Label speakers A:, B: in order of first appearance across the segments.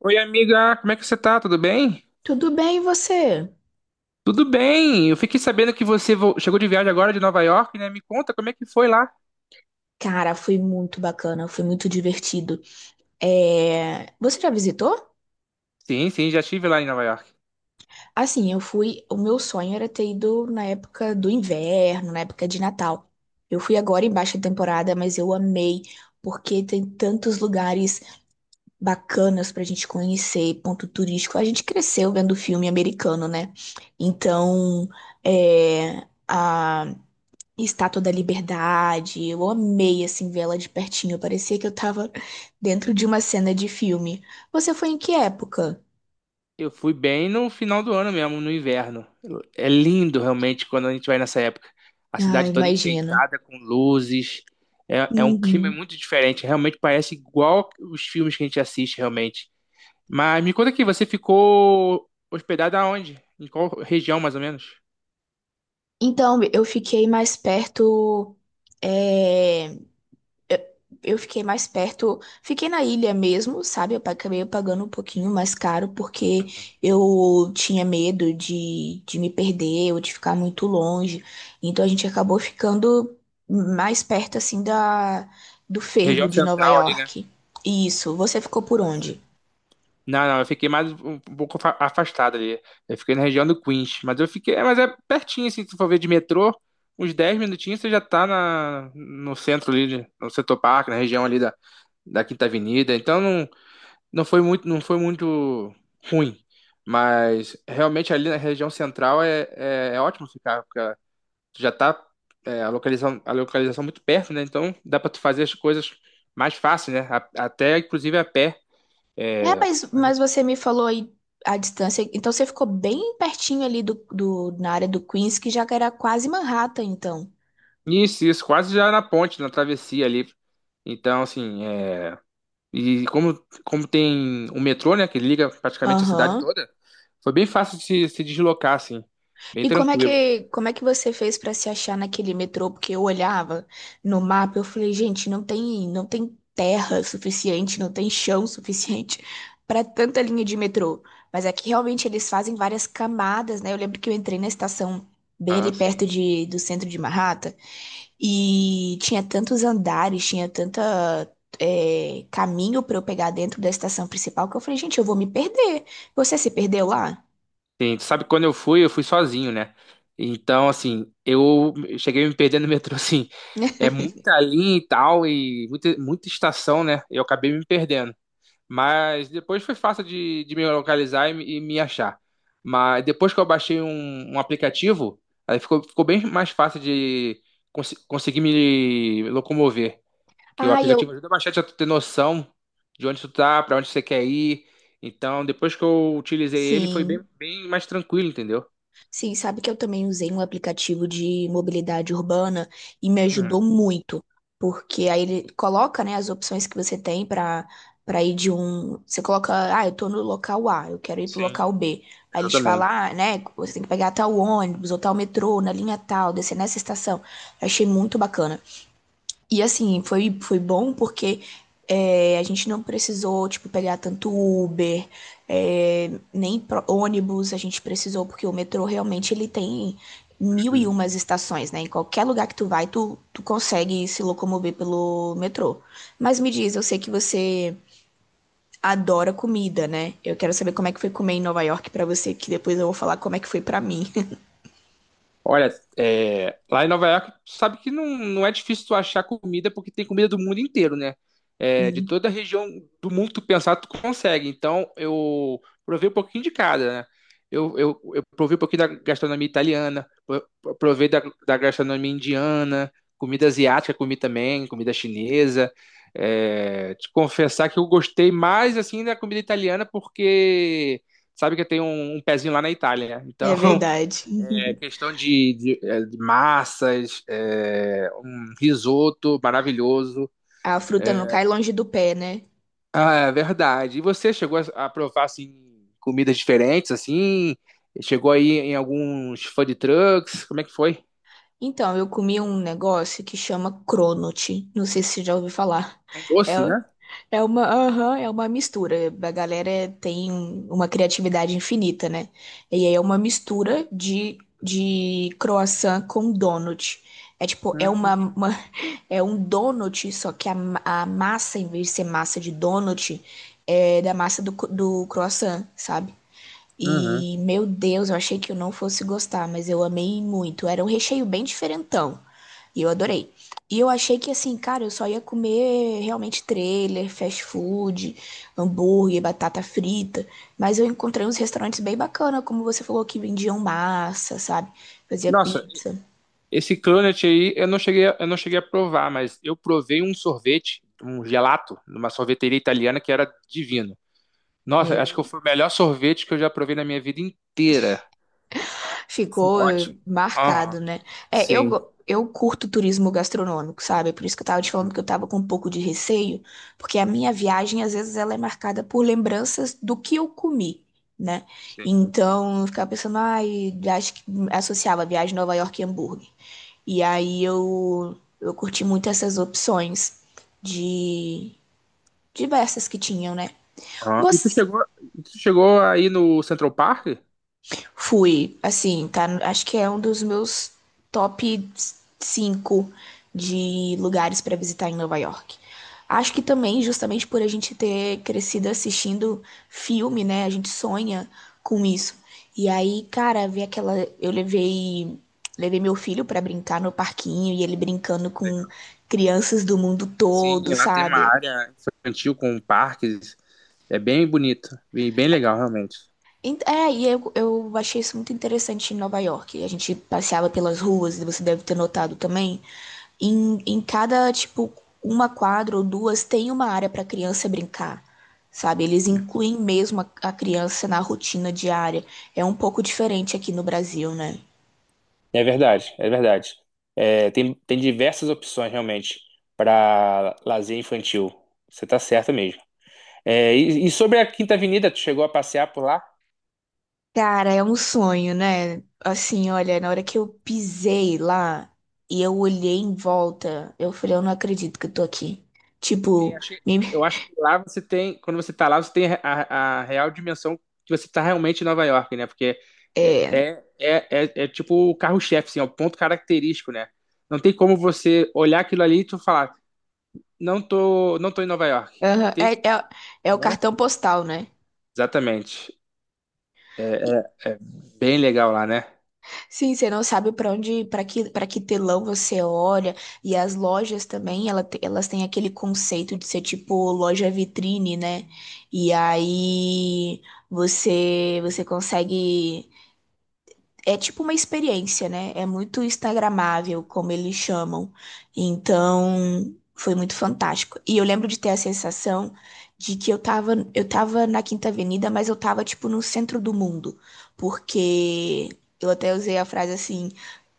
A: Oi, amiga, como é que você tá? Tudo bem?
B: Tudo bem, e você?
A: Tudo bem. Eu fiquei sabendo que chegou de viagem agora de Nova York, né? Me conta como é que foi lá.
B: Cara, foi muito bacana, foi muito divertido. É, você já visitou?
A: Sim, sim, já estive lá em Nova York.
B: Assim, eu fui. O meu sonho era ter ido na época do inverno, na época de Natal. Eu fui agora em baixa temporada, mas eu amei, porque tem tantos lugares bacanas pra gente conhecer, ponto turístico. A gente cresceu vendo filme americano, né? Então, é... a- Estátua da Liberdade. Eu amei, assim, ver ela de pertinho. Parecia que eu tava dentro de uma cena de filme. Você foi em que época?
A: Eu fui bem no final do ano mesmo, no inverno. É lindo realmente quando a gente vai nessa época. A
B: Ah,
A: cidade toda
B: imagino.
A: enfeitada com luzes. É um clima
B: Uhum.
A: muito diferente. Realmente parece igual os filmes que a gente assiste, realmente. Mas me conta aqui, você ficou hospedada aonde? Em qual região, mais ou menos?
B: Então, eu fiquei mais perto. é, Eu eu fiquei mais perto, fiquei na ilha mesmo, sabe? Eu acabei pagando um pouquinho mais caro porque eu tinha medo de me perder ou de ficar muito longe. Então a gente acabou ficando mais perto assim da do fervo
A: Região
B: de Nova
A: central ali, né?
B: York. Isso, você ficou por onde?
A: Não, não, eu fiquei mais um pouco afastado ali. Eu fiquei na região do Queens, mas eu fiquei, mas é pertinho assim, se for ver de metrô, uns 10 minutinhos você já tá na no centro ali, no setor parque, na região ali da, da Quinta Avenida. Então não foi muito ruim, mas realmente ali na região central é ótimo ficar, porque tu já tá a localização muito perto, né? Então dá pra tu fazer as coisas mais fácil, né? Até inclusive a pé.
B: É,
A: É,
B: mas você me falou aí a distância, então você ficou bem pertinho ali na área do Queens, que já era quase Manhattan, então.
A: Isso, isso, quase já na ponte, na travessia ali. Então, assim, e como tem o metrô, né, que liga praticamente a cidade
B: Aham.
A: toda, foi bem fácil de se deslocar, assim, bem
B: E como é
A: tranquilo.
B: que, como é que você fez pra se achar naquele metrô? Porque eu olhava no mapa, eu falei, gente, não tem terra suficiente, não tem chão suficiente pra tanta linha de metrô. Mas aqui realmente eles fazem várias camadas, né? Eu lembro que eu entrei na estação bem
A: Ah,
B: ali
A: sim.
B: perto do centro de Manhattan e tinha tantos andares, tinha caminho pra eu pegar dentro da estação principal que eu falei, gente, eu vou me perder. Você se perdeu lá?
A: Sim, tu sabe que quando eu fui sozinho, né? Então, assim, eu cheguei a me perdendo no metrô, assim, é muita linha e tal, e muita estação, né? Eu acabei me perdendo. Mas depois foi fácil de me localizar e me achar. Mas depois que eu baixei um aplicativo, aí ficou bem mais fácil de conseguir me locomover. Que o
B: Ah, eu.
A: aplicativo ajuda bastante a tu ter noção de onde tu tá, pra onde você quer ir. Então, depois que eu utilizei ele, foi
B: Sim.
A: bem mais tranquilo, entendeu?
B: Sim, sabe que eu também usei um aplicativo de mobilidade urbana e me ajudou
A: Uhum.
B: muito, porque aí ele coloca, né, as opções que você tem para ir de um, você coloca, ah, eu tô no local A, eu quero ir pro
A: Sim.
B: local B. Aí eles falam,
A: Exatamente.
B: ah, né, você tem que pegar tal ônibus ou tal metrô na linha tal, descer nessa estação. Eu achei muito bacana. E assim, foi bom porque a gente não precisou, tipo, pegar tanto Uber, é, nem ônibus a gente precisou, porque o metrô realmente ele tem mil e umas estações, né? Em qualquer lugar que tu vai, tu consegue se locomover pelo metrô. Mas me diz, eu sei que você adora comida, né? Eu quero saber como é que foi comer em Nova York pra você, que depois eu vou falar como é que foi pra mim.
A: Olha, lá em Nova York, tu sabe que não é difícil tu achar comida, porque tem comida do mundo inteiro, né? É, de
B: Hum.
A: toda a região do mundo que tu pensar, tu consegue. Então, eu provei um pouquinho de cada, né? Eu provei um pouquinho da gastronomia italiana, provei da gastronomia indiana, comida asiática comi também, comida chinesa. É, te confessar que eu gostei mais, assim, da comida italiana, porque sabe que eu tenho um pezinho lá na Itália, né?
B: É
A: Então...
B: verdade.
A: É questão de massas, é, um risoto maravilhoso.
B: A fruta não
A: É.
B: cai longe do pé, né?
A: Ah, é verdade. E você chegou a provar assim comidas diferentes assim? Chegou aí em alguns food trucks? Como é que foi?
B: Então, eu comi um negócio que chama Cronut. Não sei se você já ouviu falar.
A: Um
B: É,
A: doce, né?
B: é uma mistura. A galera tem uma criatividade infinita, né? E aí é uma mistura de croissant com donut. É tipo,
A: Hum,
B: é um donut, só que a massa, em vez de ser massa de donut, é da massa do croissant, sabe?
A: uhum.
B: E, meu Deus, eu achei que eu não fosse gostar, mas eu amei muito. Era um recheio bem diferentão. E eu adorei. E eu achei que, assim, cara, eu só ia comer realmente trailer, fast food, hambúrguer, batata frita. Mas eu encontrei uns restaurantes bem bacana, como você falou, que vendiam massa, sabe? Fazia
A: Nossa,
B: pizza.
A: esse cronut aí eu não cheguei a provar, mas eu provei um sorvete, um gelato, numa sorveteria italiana que era divino. Nossa, acho que
B: Meu
A: foi o melhor sorvete que eu já provei na minha vida inteira. Sim,
B: Ficou
A: ótimo. Aham,
B: marcado, né? É, eu,
A: sim.
B: go- eu curto turismo gastronômico, sabe? Por isso que eu tava te falando
A: Uhum,
B: que eu tava com um pouco de receio, porque a minha viagem, às vezes, ela é marcada por lembranças do que eu comi, né?
A: sim.
B: Então, eu ficava pensando, ai, acho que associava a viagem Nova York e hambúrguer. E aí eu curti muito essas opções de diversas que tinham, né?
A: Aham.
B: Você
A: E tu chegou aí no Central Park?
B: Fui, assim, tá, acho que é um dos meus top 5 de lugares pra visitar em Nova York. Acho que também, justamente por a gente ter crescido assistindo filme, né? A gente sonha com isso. E aí, cara, ver aquela. Eu levei meu filho pra brincar no parquinho e ele brincando com
A: Legal.
B: crianças do mundo
A: Sim,
B: todo,
A: lá tem uma
B: sabe?
A: área infantil com parques. É bem bonito, bem, bem legal, realmente.
B: É, e eu achei isso muito interessante em Nova York. A gente passeava pelas ruas, e você deve ter notado também. Em cada, tipo, uma quadra ou duas tem uma área para criança brincar, sabe? Eles incluem mesmo a criança na rotina diária. É um pouco diferente aqui no Brasil, né?
A: É verdade, é verdade. É, tem diversas opções, realmente, para lazer infantil. Você tá certa mesmo. É, e sobre a Quinta Avenida, tu chegou a passear por lá?
B: Cara, é um sonho, né? Assim, olha, na hora que eu pisei lá e eu olhei em volta, eu falei, eu não acredito que eu tô aqui.
A: Sim,
B: Tipo, me-
A: eu acho que lá você tem, quando você tá lá, você tem a real dimensão que você tá realmente em Nova York, né? Porque é, é, é, é tipo o carro-chefe, assim, é o ponto característico, né? Não tem como você olhar aquilo ali e tu falar, não tô em Nova York.
B: Aham. É,
A: Tem,
B: é, é o
A: não é?
B: cartão postal, né?
A: Exatamente. É bem legal lá, né?
B: Sim, você não sabe para onde, para que telão você olha. E as lojas também, elas têm aquele conceito de ser tipo loja vitrine, né? E aí você consegue. É tipo uma experiência, né? É muito instagramável, como eles chamam. Então, foi muito fantástico. E eu lembro de ter a sensação de que eu tava na Quinta Avenida, mas eu tava tipo no centro do mundo, porque eu até usei a frase assim,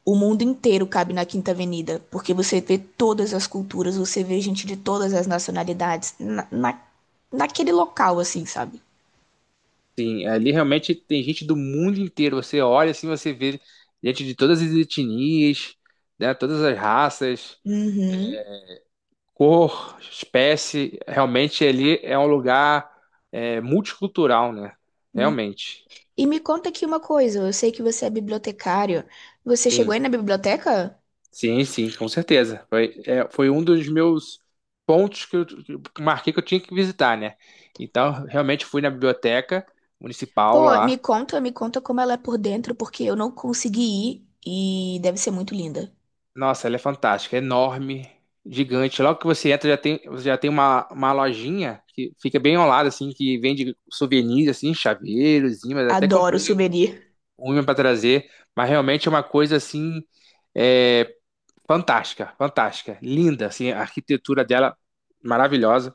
B: o mundo inteiro cabe na Quinta Avenida, porque você vê todas as culturas, você vê gente de todas as nacionalidades naquele local assim, sabe?
A: Sim, ali realmente tem gente do mundo inteiro. Você olha assim, você vê gente de todas as etnias, né? Todas as raças,
B: Uhum.
A: cor, espécie, realmente ele é um lugar multicultural, né? Realmente.
B: E me conta aqui uma coisa, eu sei que você é bibliotecário. Você chegou
A: Sim,
B: aí na biblioteca?
A: sim, com certeza. Foi, é, foi um dos meus pontos que eu marquei que eu tinha que visitar, né? Então, realmente fui na biblioteca municipal
B: Pô,
A: lá.
B: me conta como ela é por dentro, porque eu não consegui ir e deve ser muito linda.
A: Nossa, ela é fantástica, é enorme, gigante. Logo que você entra, você já tem uma lojinha que fica bem ao lado, assim, que vende souvenirs, assim, chaveiros, imãs. Até
B: Adoro
A: comprei um
B: souvenir.
A: ruim para trazer, mas realmente é uma coisa assim é, fantástica, linda, assim, a arquitetura dela maravilhosa.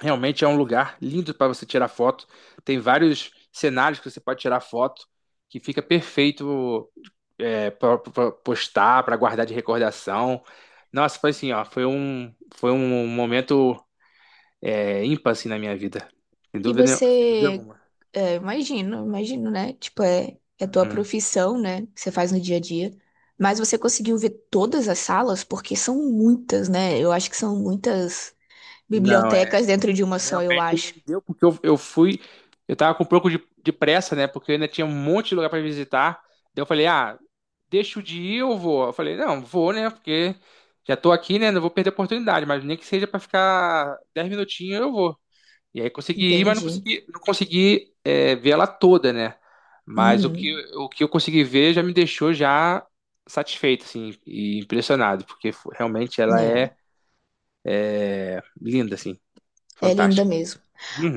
A: Realmente é um lugar lindo para você tirar foto. Tem vários cenários que você pode tirar foto, que fica perfeito para postar, para guardar de recordação. Nossa, foi assim, ó, foi um momento ímpar assim, na minha vida,
B: E
A: sem dúvida
B: você,
A: alguma.
B: imagino, imagino, né? Tipo, é tua
A: Uhum.
B: profissão, né? Que você faz no dia a dia. Mas você conseguiu ver todas as salas? Porque são muitas, né? Eu acho que são muitas
A: Não,
B: bibliotecas dentro de uma só, eu
A: realmente não
B: acho.
A: deu, porque eu fui, eu tava com um pouco de pressa, né? Porque eu ainda tinha um monte de lugar para visitar. Daí eu falei, ah, deixo de ir, eu vou. Eu falei, não, vou, né? Porque já tô aqui, né? Não vou perder a oportunidade, mas nem que seja para ficar 10 minutinhos, eu vou. E aí consegui ir, mas
B: Entendi.
A: não consegui ver ela toda, né? Mas
B: Uhum.
A: o que eu consegui ver já me deixou já satisfeito, assim, e impressionado, porque realmente ela
B: É,
A: é linda, assim,
B: é, linda
A: fantástica.
B: mesmo.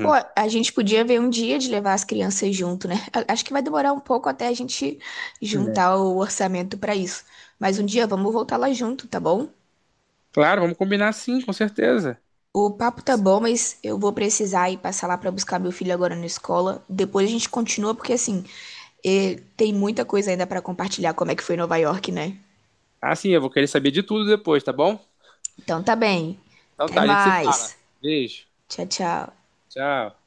B: Pô, a gente podia ver um dia de levar as crianças junto, né? Acho que vai demorar um pouco até a gente juntar o orçamento pra isso. Mas um dia vamos voltar lá junto, tá bom?
A: Claro, vamos combinar sim, com certeza.
B: O papo tá bom, mas eu vou precisar ir passar lá pra buscar meu filho agora na escola. Depois a gente continua, porque assim, tem muita coisa ainda pra compartilhar, como é que foi Nova York, né?
A: Ah, sim, eu vou querer saber de tudo depois, tá bom?
B: Então tá bem.
A: Então
B: Até
A: tá, a gente se
B: mais.
A: fala. Beijo.
B: Tchau, tchau.
A: Tchau.